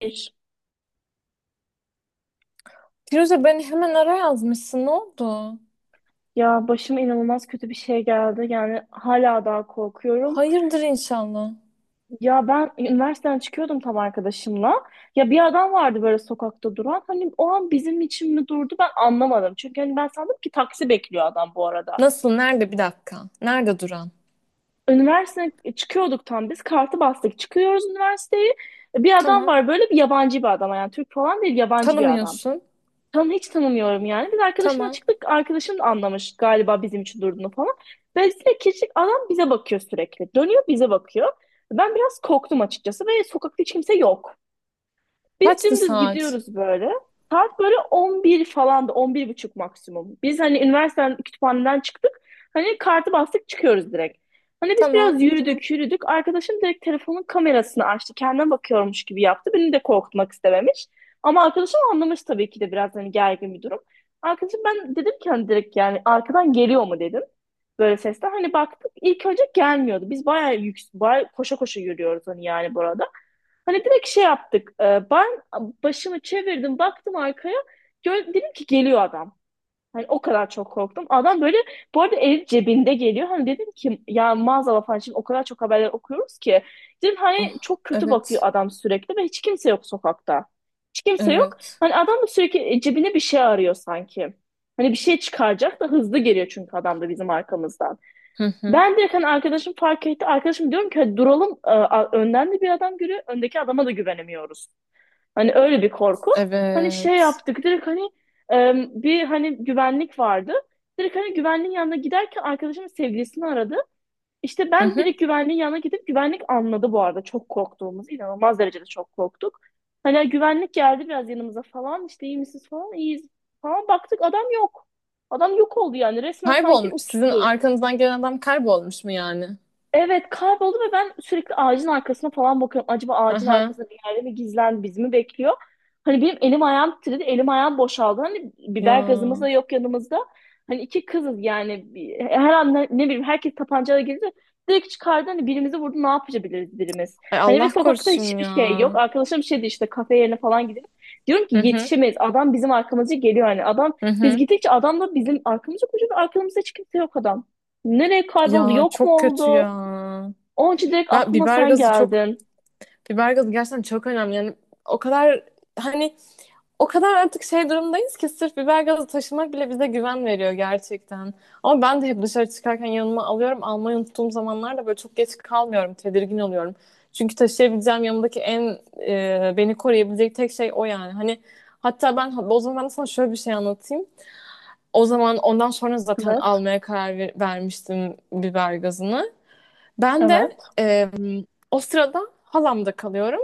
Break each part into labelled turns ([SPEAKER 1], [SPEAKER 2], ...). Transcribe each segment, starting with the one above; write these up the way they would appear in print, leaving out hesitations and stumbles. [SPEAKER 1] Bir.
[SPEAKER 2] Firuze beni hemen ara yazmışsın. Ne oldu?
[SPEAKER 1] Ya başıma inanılmaz kötü bir şey geldi. Yani hala daha korkuyorum.
[SPEAKER 2] Hayırdır inşallah.
[SPEAKER 1] Ya ben üniversiteden çıkıyordum tam arkadaşımla. Ya bir adam vardı böyle sokakta duran. Hani o an bizim için mi durdu ben anlamadım. Çünkü hani ben sandım ki taksi bekliyor adam bu arada.
[SPEAKER 2] Nasıl? Nerede? Bir dakika. Nerede duran?
[SPEAKER 1] Üniversiteden çıkıyorduk tam biz. Kartı bastık. Çıkıyoruz üniversiteyi. Bir adam
[SPEAKER 2] Tamam.
[SPEAKER 1] var böyle bir yabancı bir adam. Yani Türk falan değil yabancı bir adam.
[SPEAKER 2] Tanımıyorsun.
[SPEAKER 1] Tam hiç tanımıyorum yani. Biz arkadaşımla
[SPEAKER 2] Tamam.
[SPEAKER 1] çıktık. Arkadaşım da anlamış galiba bizim için durduğunu falan. Dolayısıyla kirçlik adam bize bakıyor sürekli. Dönüyor bize bakıyor. Ben biraz korktum açıkçası ve sokakta hiç kimse yok. Biz
[SPEAKER 2] Kaçtı
[SPEAKER 1] dümdüz
[SPEAKER 2] saat?
[SPEAKER 1] gidiyoruz böyle. Saat böyle 11 falan da 11 buçuk maksimum. Biz hani üniversiteden kütüphaneden çıktık. Hani kartı bastık çıkıyoruz direkt. Hani biz
[SPEAKER 2] Tamam.
[SPEAKER 1] biraz yürüdük yürüdük. Arkadaşım direkt telefonun kamerasını açtı. Kendine bakıyormuş gibi yaptı. Beni de korkutmak istememiş. Ama arkadaşım anlamış tabii ki de biraz hani gergin bir durum. Arkadaşım ben dedim ki hani direkt yani arkadan geliyor mu dedim. Böyle sesler hani baktık ilk önce gelmiyordu. Biz bayağı, bayağı koşa koşa yürüyoruz hani yani burada. Hani direkt şey yaptık. Ben başımı çevirdim, baktım arkaya. Gör, dedim ki geliyor adam. Hani o kadar çok korktum. Adam böyle bu arada el cebinde geliyor. Hani dedim ki ya maazallah falan şimdi o kadar çok haberler okuyoruz ki. Dedim hani
[SPEAKER 2] Ah,
[SPEAKER 1] çok kötü bakıyor
[SPEAKER 2] evet.
[SPEAKER 1] adam sürekli ve hiç kimse yok sokakta. Hiç kimse yok.
[SPEAKER 2] Evet.
[SPEAKER 1] Hani adam da sürekli cebine bir şey arıyor sanki. Hani bir şey çıkaracak da hızlı geliyor çünkü adam da bizim arkamızdan.
[SPEAKER 2] Hı hı.
[SPEAKER 1] Ben direkt hani arkadaşım fark etti. Arkadaşım diyorum ki "Hadi duralım. Önden de bir adam görüyor. Öndeki adama da güvenemiyoruz. Hani öyle bir korku. Hani şey
[SPEAKER 2] Evet.
[SPEAKER 1] yaptık. Direkt hani e, bir hani güvenlik vardı. Direkt hani güvenliğin yanına giderken arkadaşımın sevgilisini aradı. İşte
[SPEAKER 2] Hı
[SPEAKER 1] ben
[SPEAKER 2] hı.
[SPEAKER 1] direkt güvenliğin yanına gidip güvenlik anladı bu arada. Çok korktuğumuz. İnanılmaz derecede çok korktuk. Hani güvenlik geldi biraz yanımıza falan. İşte iyi misiniz falan. İyiyiz falan. Baktık adam yok. Adam yok oldu yani. Resmen sanki
[SPEAKER 2] Kaybolmuş. Sizin
[SPEAKER 1] uçtu.
[SPEAKER 2] arkanızdan gelen adam kaybolmuş mu yani?
[SPEAKER 1] Evet kayboldu ve ben sürekli ağacın arkasına falan bakıyorum. Acaba
[SPEAKER 2] Hı
[SPEAKER 1] ağacın
[SPEAKER 2] hı.
[SPEAKER 1] arkasında bir yerde mi gizlendi, bizi mi bekliyor? Hani benim elim ayağım titredi, elim ayağım boşaldı. Hani
[SPEAKER 2] Ya.
[SPEAKER 1] biber gazımız da yok yanımızda. Hani iki kızız yani her an ne bileyim herkes tabancayla girdi. Direkt çıkardı hani birimizi vurdu ne yapabiliriz birimiz.
[SPEAKER 2] Ay
[SPEAKER 1] Hani ve
[SPEAKER 2] Allah
[SPEAKER 1] sokakta
[SPEAKER 2] korusun
[SPEAKER 1] hiçbir
[SPEAKER 2] ya.
[SPEAKER 1] şey yok. Arkadaşım şey dedi işte kafe yerine falan gidelim. Diyorum ki
[SPEAKER 2] Hı hı.
[SPEAKER 1] yetişemeyiz. Adam bizim arkamızda geliyor hani.
[SPEAKER 2] Hı
[SPEAKER 1] Biz
[SPEAKER 2] hı.
[SPEAKER 1] gittikçe adam da bizim arkamızda koşuyor. Ve arkamızda hiç kimse yok adam. Nereye kayboldu?
[SPEAKER 2] Ya
[SPEAKER 1] Yok mu
[SPEAKER 2] çok kötü
[SPEAKER 1] oldu?
[SPEAKER 2] ya.
[SPEAKER 1] Onun için direkt
[SPEAKER 2] Ben
[SPEAKER 1] aklıma
[SPEAKER 2] biber
[SPEAKER 1] sen
[SPEAKER 2] gazı çok.
[SPEAKER 1] geldin.
[SPEAKER 2] Biber gazı gerçekten çok önemli. Yani o kadar, hani, o kadar artık şey durumdayız ki sırf biber gazı taşımak bile bize güven veriyor gerçekten. Ama ben de hep dışarı çıkarken yanıma alıyorum. Almayı unuttuğum zamanlarda böyle çok geç kalmıyorum. Tedirgin oluyorum. Çünkü taşıyabileceğim yanımdaki en beni koruyabilecek tek şey o yani. Hani hatta ben o zaman ben sana şöyle bir şey anlatayım. O zaman ondan sonra zaten
[SPEAKER 1] Evet.
[SPEAKER 2] almaya vermiştim biber gazını. Ben de
[SPEAKER 1] Evet.
[SPEAKER 2] e, o sırada halamda kalıyorum.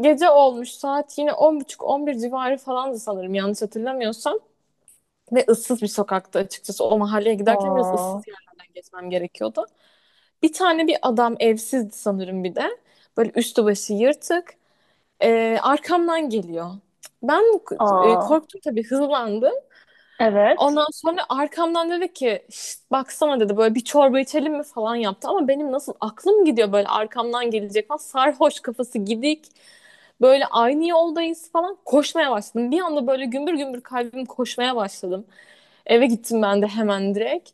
[SPEAKER 2] Gece olmuş, saat yine on buçuk on bir civarı falandı sanırım, yanlış hatırlamıyorsam. Ve ıssız bir sokakta, açıkçası o mahalleye giderken biraz
[SPEAKER 1] Aa,
[SPEAKER 2] ıssız yerlerden geçmem gerekiyordu. Bir tane bir adam evsizdi sanırım bir de. Böyle üstü başı yırtık. Arkamdan geliyor. Ben
[SPEAKER 1] aa,
[SPEAKER 2] korktum tabii, hızlandım.
[SPEAKER 1] evet.
[SPEAKER 2] Ondan sonra arkamdan dedi ki "Şşt, baksana" dedi, böyle "bir çorba içelim mi" falan yaptı. Ama benim nasıl aklım gidiyor, böyle arkamdan gelecek falan, sarhoş kafası gidik. Böyle aynı yoldayız falan, koşmaya başladım. Bir anda böyle gümbür gümbür kalbim, koşmaya başladım. Eve gittim ben de hemen direkt.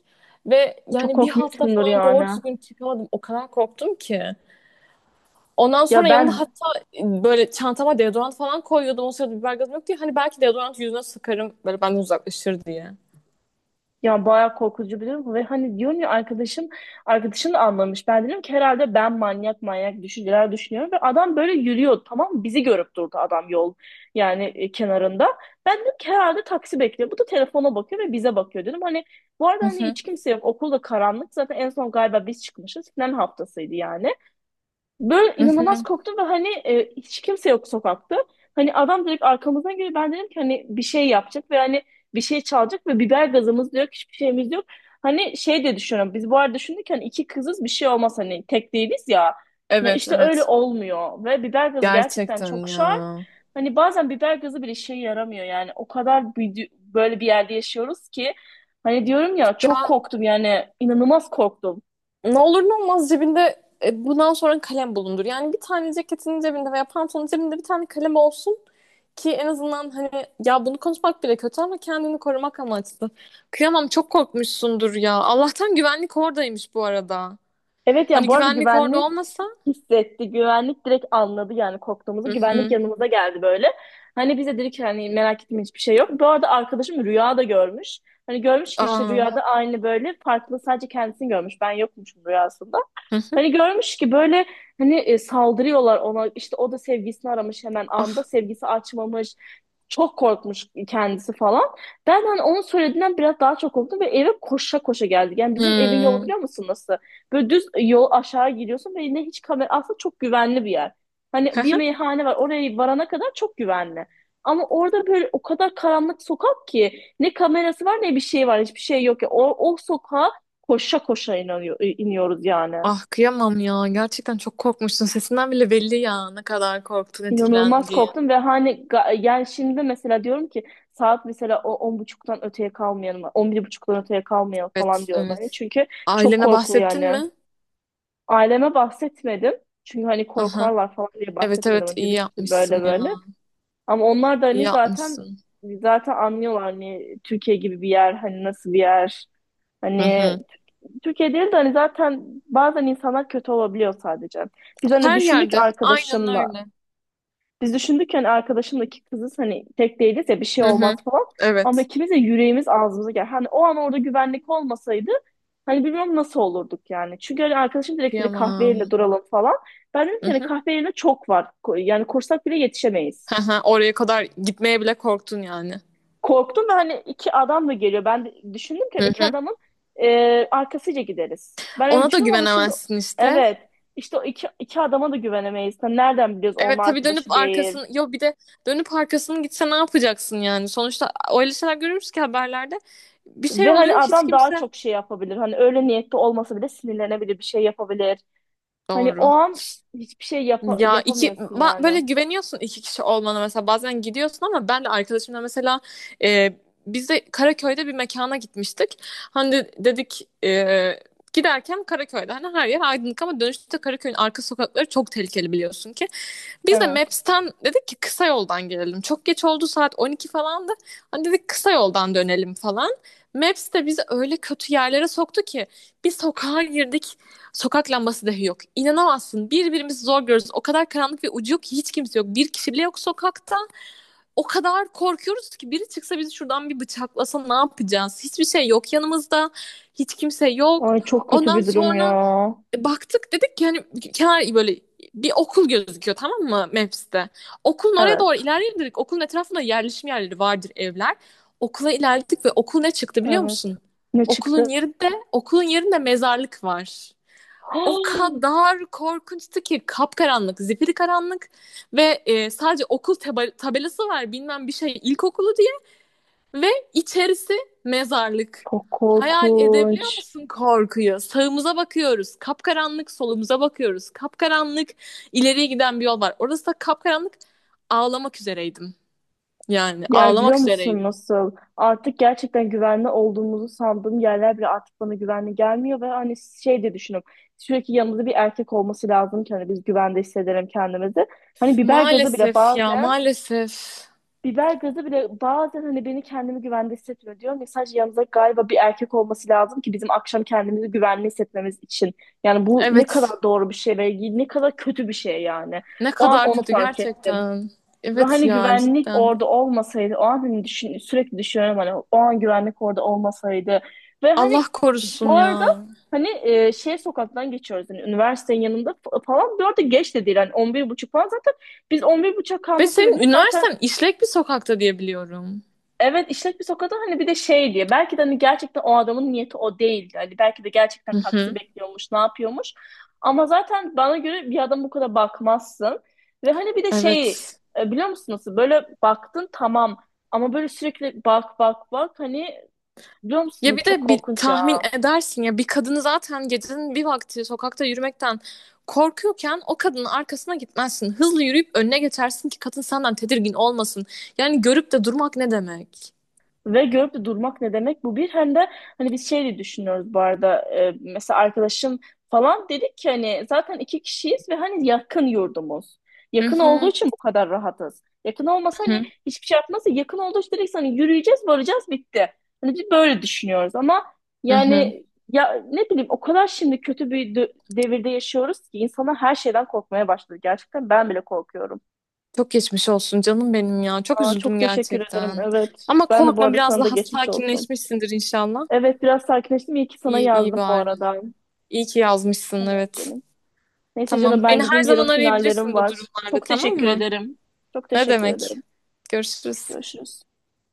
[SPEAKER 2] Ve
[SPEAKER 1] Çok
[SPEAKER 2] yani bir hafta
[SPEAKER 1] korkmuşsundur
[SPEAKER 2] falan doğru
[SPEAKER 1] yani.
[SPEAKER 2] düzgün çıkamadım. O kadar korktum ki. Ondan sonra
[SPEAKER 1] Ya
[SPEAKER 2] yanımda
[SPEAKER 1] ben
[SPEAKER 2] hatta böyle çantama deodorant falan koyuyordum. O sırada biber gazım yoktu ya. Hani belki deodorant yüzüne sıkarım, böyle benden uzaklaşır diye.
[SPEAKER 1] Ya bayağı korkutucu biliyorum ve hani diyorum ya arkadaşım da anlamış. Ben dedim ki herhalde ben manyak manyak düşünceler düşünüyorum ve adam böyle yürüyor tamam mı? Bizi görüp durdu adam yol kenarında. Ben dedim ki herhalde taksi bekliyor. Bu da telefona bakıyor ve bize bakıyor dedim. Hani bu arada
[SPEAKER 2] Hı
[SPEAKER 1] hani
[SPEAKER 2] hı.
[SPEAKER 1] hiç kimse yok. Okul da karanlık. Zaten en son galiba biz çıkmışız. Final haftasıydı yani. Böyle
[SPEAKER 2] Hı
[SPEAKER 1] inanılmaz
[SPEAKER 2] hı.
[SPEAKER 1] korktum ve hani hiç kimse yok sokakta. Hani adam direkt arkamızdan geliyor. Ben dedim ki hani bir şey yapacak ve hani bir şey çalacak ve biber gazımız da yok, hiçbir şeyimiz yok. Hani şey de düşünüyorum. Biz bu arada düşündük ki hani iki kızız bir şey olmaz hani tek değiliz ya. Ya
[SPEAKER 2] Evet,
[SPEAKER 1] işte öyle
[SPEAKER 2] evet.
[SPEAKER 1] olmuyor ve biber gazı gerçekten
[SPEAKER 2] Gerçekten
[SPEAKER 1] çok şart.
[SPEAKER 2] ya.
[SPEAKER 1] Hani bazen biber gazı bile işe yaramıyor yani. O kadar böyle bir yerde yaşıyoruz ki hani diyorum ya çok
[SPEAKER 2] Ya,
[SPEAKER 1] korktum yani inanılmaz korktum.
[SPEAKER 2] ne olur ne olmaz cebinde bundan sonra kalem bulundur. Yani bir tane ceketinin cebinde veya pantolonun cebinde bir tane kalem olsun ki en azından, hani, ya bunu konuşmak bile kötü ama kendini korumak amaçlı. Kıyamam, çok korkmuşsundur ya. Allah'tan güvenlik oradaymış bu arada.
[SPEAKER 1] Evet yani
[SPEAKER 2] Hani
[SPEAKER 1] bu arada
[SPEAKER 2] güvenlik orada
[SPEAKER 1] güvenlik
[SPEAKER 2] olmasa?
[SPEAKER 1] hissetti. Güvenlik direkt anladı yani
[SPEAKER 2] Hı
[SPEAKER 1] korktuğumuzu. Güvenlik
[SPEAKER 2] hı.
[SPEAKER 1] yanımıza geldi böyle. Hani bize dedik ki hani merak etme hiçbir şey yok. Bu arada arkadaşım rüya da görmüş. Hani görmüş ki işte
[SPEAKER 2] Aa.
[SPEAKER 1] rüyada aynı böyle farklı sadece kendisini görmüş. Ben yokmuşum rüyasında.
[SPEAKER 2] Hı hı.
[SPEAKER 1] Hani görmüş ki böyle hani saldırıyorlar ona. İşte o da sevgisini aramış hemen anda.
[SPEAKER 2] Ah.
[SPEAKER 1] Sevgisi açmamış. Çok korkmuş kendisi falan. Ben hani onun söylediğinden biraz daha çok korktum ve eve koşa koşa geldik. Yani bizim evin yolu
[SPEAKER 2] Hı.
[SPEAKER 1] biliyor musun nasıl? Böyle düz yol aşağı gidiyorsun ve yine hiç kamera aslında çok güvenli bir yer. Hani
[SPEAKER 2] Hı
[SPEAKER 1] bir
[SPEAKER 2] hı.
[SPEAKER 1] meyhane var oraya varana kadar çok güvenli. Ama orada böyle o kadar karanlık sokak ki ne kamerası var ne bir şey var hiçbir şey yok ya. O sokağa koşa koşa iniyoruz yani.
[SPEAKER 2] Ah kıyamam ya. Gerçekten çok korkmuşsun. Sesinden bile belli ya ne kadar korktun,
[SPEAKER 1] İnanılmaz
[SPEAKER 2] etkilendiğin.
[SPEAKER 1] korktum ve hani yani şimdi mesela diyorum ki saat mesela o on buçuktan öteye kalmayalım, on bir buçuktan öteye kalmayalım falan
[SPEAKER 2] Evet,
[SPEAKER 1] diyorum hani
[SPEAKER 2] evet.
[SPEAKER 1] çünkü çok
[SPEAKER 2] Ailene
[SPEAKER 1] korkulu
[SPEAKER 2] bahsettin
[SPEAKER 1] yani.
[SPEAKER 2] mi?
[SPEAKER 1] Aileme bahsetmedim çünkü hani
[SPEAKER 2] Aha.
[SPEAKER 1] korkarlar falan diye
[SPEAKER 2] Evet,
[SPEAKER 1] bahsetmedim.
[SPEAKER 2] evet,
[SPEAKER 1] Hani
[SPEAKER 2] iyi
[SPEAKER 1] dedim ki işte
[SPEAKER 2] yapmışsın
[SPEAKER 1] böyle
[SPEAKER 2] ya.
[SPEAKER 1] böyle ama onlar da
[SPEAKER 2] İyi
[SPEAKER 1] hani zaten
[SPEAKER 2] yapmışsın.
[SPEAKER 1] zaten anlıyorlar hani Türkiye gibi bir yer hani nasıl bir yer
[SPEAKER 2] Hı
[SPEAKER 1] hani
[SPEAKER 2] hı.
[SPEAKER 1] Türkiye değil de hani zaten bazen insanlar kötü olabiliyor sadece. Biz hani
[SPEAKER 2] Her
[SPEAKER 1] düşündük
[SPEAKER 2] yerde. Aynen
[SPEAKER 1] arkadaşımla
[SPEAKER 2] öyle.
[SPEAKER 1] biz düşündük ki hani arkadaşımdaki kızız hani tek değiliz ya bir şey
[SPEAKER 2] Hı
[SPEAKER 1] olmaz
[SPEAKER 2] hı.
[SPEAKER 1] falan. Ama
[SPEAKER 2] Evet.
[SPEAKER 1] ikimiz de yüreğimiz ağzımıza gel. Hani o an orada güvenlik olmasaydı hani bilmiyorum nasıl olurduk yani. Çünkü hani arkadaşım direkt dedi kahve
[SPEAKER 2] Kıyamam.
[SPEAKER 1] yerine duralım falan. Ben dedim
[SPEAKER 2] Hı
[SPEAKER 1] ki hani
[SPEAKER 2] hı.
[SPEAKER 1] kahve yerine çok var. Yani kursak bile yetişemeyiz.
[SPEAKER 2] Hı hı. Oraya kadar gitmeye bile korktun yani.
[SPEAKER 1] Korktum ve hani iki adam da geliyor. Ben de düşündüm ki hani
[SPEAKER 2] Hı
[SPEAKER 1] iki
[SPEAKER 2] hı.
[SPEAKER 1] adamın arkasıyla gideriz. Ben öyle
[SPEAKER 2] Ona da
[SPEAKER 1] düşündüm ama şimdi
[SPEAKER 2] güvenemezsin işte.
[SPEAKER 1] evet işte o iki adama da güvenemeyiz. Hani nereden biliyoruz onun
[SPEAKER 2] Evet tabii, dönüp
[SPEAKER 1] arkadaşı değil.
[SPEAKER 2] arkasını, yo bir de dönüp arkasını gitse ne yapacaksın yani? Sonuçta öyle şeyler görürüz ki haberlerde. Bir şey
[SPEAKER 1] Ve hani
[SPEAKER 2] oluyor, hiç
[SPEAKER 1] adam daha
[SPEAKER 2] kimse.
[SPEAKER 1] çok şey yapabilir. Hani öyle niyetli olmasa bile sinirlenebilir, bir şey yapabilir. Hani o
[SPEAKER 2] Doğru.
[SPEAKER 1] an hiçbir şey
[SPEAKER 2] Ya
[SPEAKER 1] yapamıyorsun
[SPEAKER 2] böyle
[SPEAKER 1] yani.
[SPEAKER 2] güveniyorsun iki kişi olmana, mesela bazen gidiyorsun, ama ben de arkadaşımla mesela e, biz de Karaköy'de bir mekana gitmiştik. Dedik giderken Karaköy'de hani her yer aydınlık, ama dönüşte Karaköy'ün arka sokakları çok tehlikeli biliyorsun ki. Biz de
[SPEAKER 1] Evet.
[SPEAKER 2] Maps'ten dedik ki kısa yoldan gelelim. Çok geç oldu, saat 12 falandı. Hani dedik kısa yoldan dönelim falan. Maps de bizi öyle kötü yerlere soktu ki bir sokağa girdik. Sokak lambası dahi yok. İnanamazsın. Birbirimizi zor görürüz. O kadar karanlık ve ucu yok ki, hiç kimse yok. Bir kişi bile yok sokakta. O kadar korkuyoruz ki biri çıksa bizi şuradan bir bıçaklasa ne yapacağız? Hiçbir şey yok yanımızda. Hiç kimse yok.
[SPEAKER 1] Ay çok kötü
[SPEAKER 2] Ondan
[SPEAKER 1] bir durum ya.
[SPEAKER 2] sonra baktık dedik ki hani kenar böyle bir okul gözüküyor, tamam mı, Maps'te. Okulun oraya
[SPEAKER 1] Evet,
[SPEAKER 2] doğru ilerleyelim dedik. Okulun etrafında yerleşim yerleri vardır, evler. Okula ilerledik ve okul ne çıktı biliyor
[SPEAKER 1] evet.
[SPEAKER 2] musun?
[SPEAKER 1] Ne çıktı?
[SPEAKER 2] Okulun yerinde, okulun yerinde mezarlık var. O kadar korkunçtu ki, kapkaranlık, zifiri karanlık ve sadece tabelası var, bilmem bir şey ilkokulu, ve içerisi mezarlık.
[SPEAKER 1] Çok
[SPEAKER 2] Hayal edebiliyor
[SPEAKER 1] korkunç.
[SPEAKER 2] musun korkuyu? Sağımıza bakıyoruz, kapkaranlık, solumuza bakıyoruz, kapkaranlık, ileriye giden bir yol var. Orası da kapkaranlık, ağlamak üzereydim. Yani
[SPEAKER 1] Yani biliyor
[SPEAKER 2] ağlamak
[SPEAKER 1] musun
[SPEAKER 2] üzereydim.
[SPEAKER 1] nasıl? Artık gerçekten güvenli olduğumuzu sandığım yerler bile artık bana güvenli gelmiyor ve hani şey de düşünüyorum. Sürekli yanımızda bir erkek olması lazım ki hani biz güvende hissedelim kendimizi. Hani biber gazı bile
[SPEAKER 2] Maalesef ya,
[SPEAKER 1] bazen
[SPEAKER 2] maalesef.
[SPEAKER 1] Biber gazı bile bazen hani beni kendimi güvende hissetmiyor diyorum. Ya, sadece yanımızda galiba bir erkek olması lazım ki bizim akşam kendimizi güvenli hissetmemiz için. Yani bu ne
[SPEAKER 2] Evet,
[SPEAKER 1] kadar doğru bir şey ve ne kadar kötü bir şey yani.
[SPEAKER 2] ne
[SPEAKER 1] O an
[SPEAKER 2] kadar
[SPEAKER 1] onu
[SPEAKER 2] kötü
[SPEAKER 1] fark ettim.
[SPEAKER 2] gerçekten.
[SPEAKER 1] Ve
[SPEAKER 2] Evet
[SPEAKER 1] hani
[SPEAKER 2] ya,
[SPEAKER 1] güvenlik
[SPEAKER 2] cidden.
[SPEAKER 1] orada olmasaydı, o an hani düşün, sürekli düşünüyorum hani o an güvenlik orada olmasaydı. Ve
[SPEAKER 2] Allah
[SPEAKER 1] hani
[SPEAKER 2] korusun
[SPEAKER 1] bu
[SPEAKER 2] ya.
[SPEAKER 1] arada hani şey sokaktan geçiyoruz hani üniversitenin yanında falan. Bu arada geç de değil hani 11 buçuk falan zaten biz 11 buçuk
[SPEAKER 2] Ve
[SPEAKER 1] kalma
[SPEAKER 2] senin
[SPEAKER 1] sebebimiz zaten.
[SPEAKER 2] üniversiten işlek bir sokakta diye biliyorum.
[SPEAKER 1] Evet işlek bir sokakta hani bir de şey diye belki de hani gerçekten o adamın niyeti o değildi. Hani belki de gerçekten
[SPEAKER 2] Hı
[SPEAKER 1] taksi
[SPEAKER 2] hı.
[SPEAKER 1] bekliyormuş, ne yapıyormuş. Ama zaten bana göre bir adam bu kadar bakmazsın. Ve hani bir de şey
[SPEAKER 2] Evet.
[SPEAKER 1] biliyor musun nasıl böyle baktın tamam ama böyle sürekli bak bak bak hani biliyor musun
[SPEAKER 2] Ya bir
[SPEAKER 1] çok
[SPEAKER 2] de bir
[SPEAKER 1] korkunç
[SPEAKER 2] tahmin
[SPEAKER 1] ya.
[SPEAKER 2] edersin ya, bir kadını zaten gecenin bir vakti sokakta yürümekten korkuyorken o kadının arkasına gitmezsin. Hızlı yürüyüp önüne geçersin ki kadın senden tedirgin olmasın. Yani görüp de durmak ne demek?
[SPEAKER 1] Ve görüp de durmak ne demek bu bir hem de hani biz şey de düşünüyoruz bu arada mesela arkadaşım falan dedik ki hani zaten iki kişiyiz ve hani yakın yurdumuz.
[SPEAKER 2] Hı
[SPEAKER 1] Yakın olduğu
[SPEAKER 2] hı,
[SPEAKER 1] için bu kadar rahatız. Yakın olmasa hani
[SPEAKER 2] hı
[SPEAKER 1] hiçbir şey yapmazsa yakın olduğu için direkt hani yürüyeceğiz varacağız bitti. Hani biz böyle düşünüyoruz ama
[SPEAKER 2] hı, hı.
[SPEAKER 1] yani ya ne bileyim o kadar şimdi kötü bir devirde yaşıyoruz ki insanlar her şeyden korkmaya başladı. Gerçekten ben bile korkuyorum.
[SPEAKER 2] Çok geçmiş olsun canım benim ya. Çok
[SPEAKER 1] Aa,
[SPEAKER 2] üzüldüm
[SPEAKER 1] çok teşekkür ederim.
[SPEAKER 2] gerçekten.
[SPEAKER 1] Evet.
[SPEAKER 2] Ama
[SPEAKER 1] Ben de bu
[SPEAKER 2] korkma,
[SPEAKER 1] arada
[SPEAKER 2] biraz
[SPEAKER 1] sana da
[SPEAKER 2] daha
[SPEAKER 1] geçmiş olsun.
[SPEAKER 2] sakinleşmişsindir inşallah.
[SPEAKER 1] Evet biraz sakinleştim. İyi ki sana
[SPEAKER 2] İyi, iyi
[SPEAKER 1] yazdım bu
[SPEAKER 2] bari.
[SPEAKER 1] arada.
[SPEAKER 2] İyi ki yazmışsın,
[SPEAKER 1] Tamam
[SPEAKER 2] evet.
[SPEAKER 1] canım. Neyse
[SPEAKER 2] Tamam.
[SPEAKER 1] canım ben
[SPEAKER 2] Beni her
[SPEAKER 1] gideyim. Yarın
[SPEAKER 2] zaman
[SPEAKER 1] finallerim
[SPEAKER 2] arayabilirsin bu
[SPEAKER 1] var.
[SPEAKER 2] durumlarda,
[SPEAKER 1] Çok
[SPEAKER 2] tamam
[SPEAKER 1] teşekkür
[SPEAKER 2] mı?
[SPEAKER 1] ederim. Çok
[SPEAKER 2] Ne
[SPEAKER 1] teşekkür
[SPEAKER 2] demek?
[SPEAKER 1] ederim.
[SPEAKER 2] Görüşürüz.
[SPEAKER 1] Görüşürüz.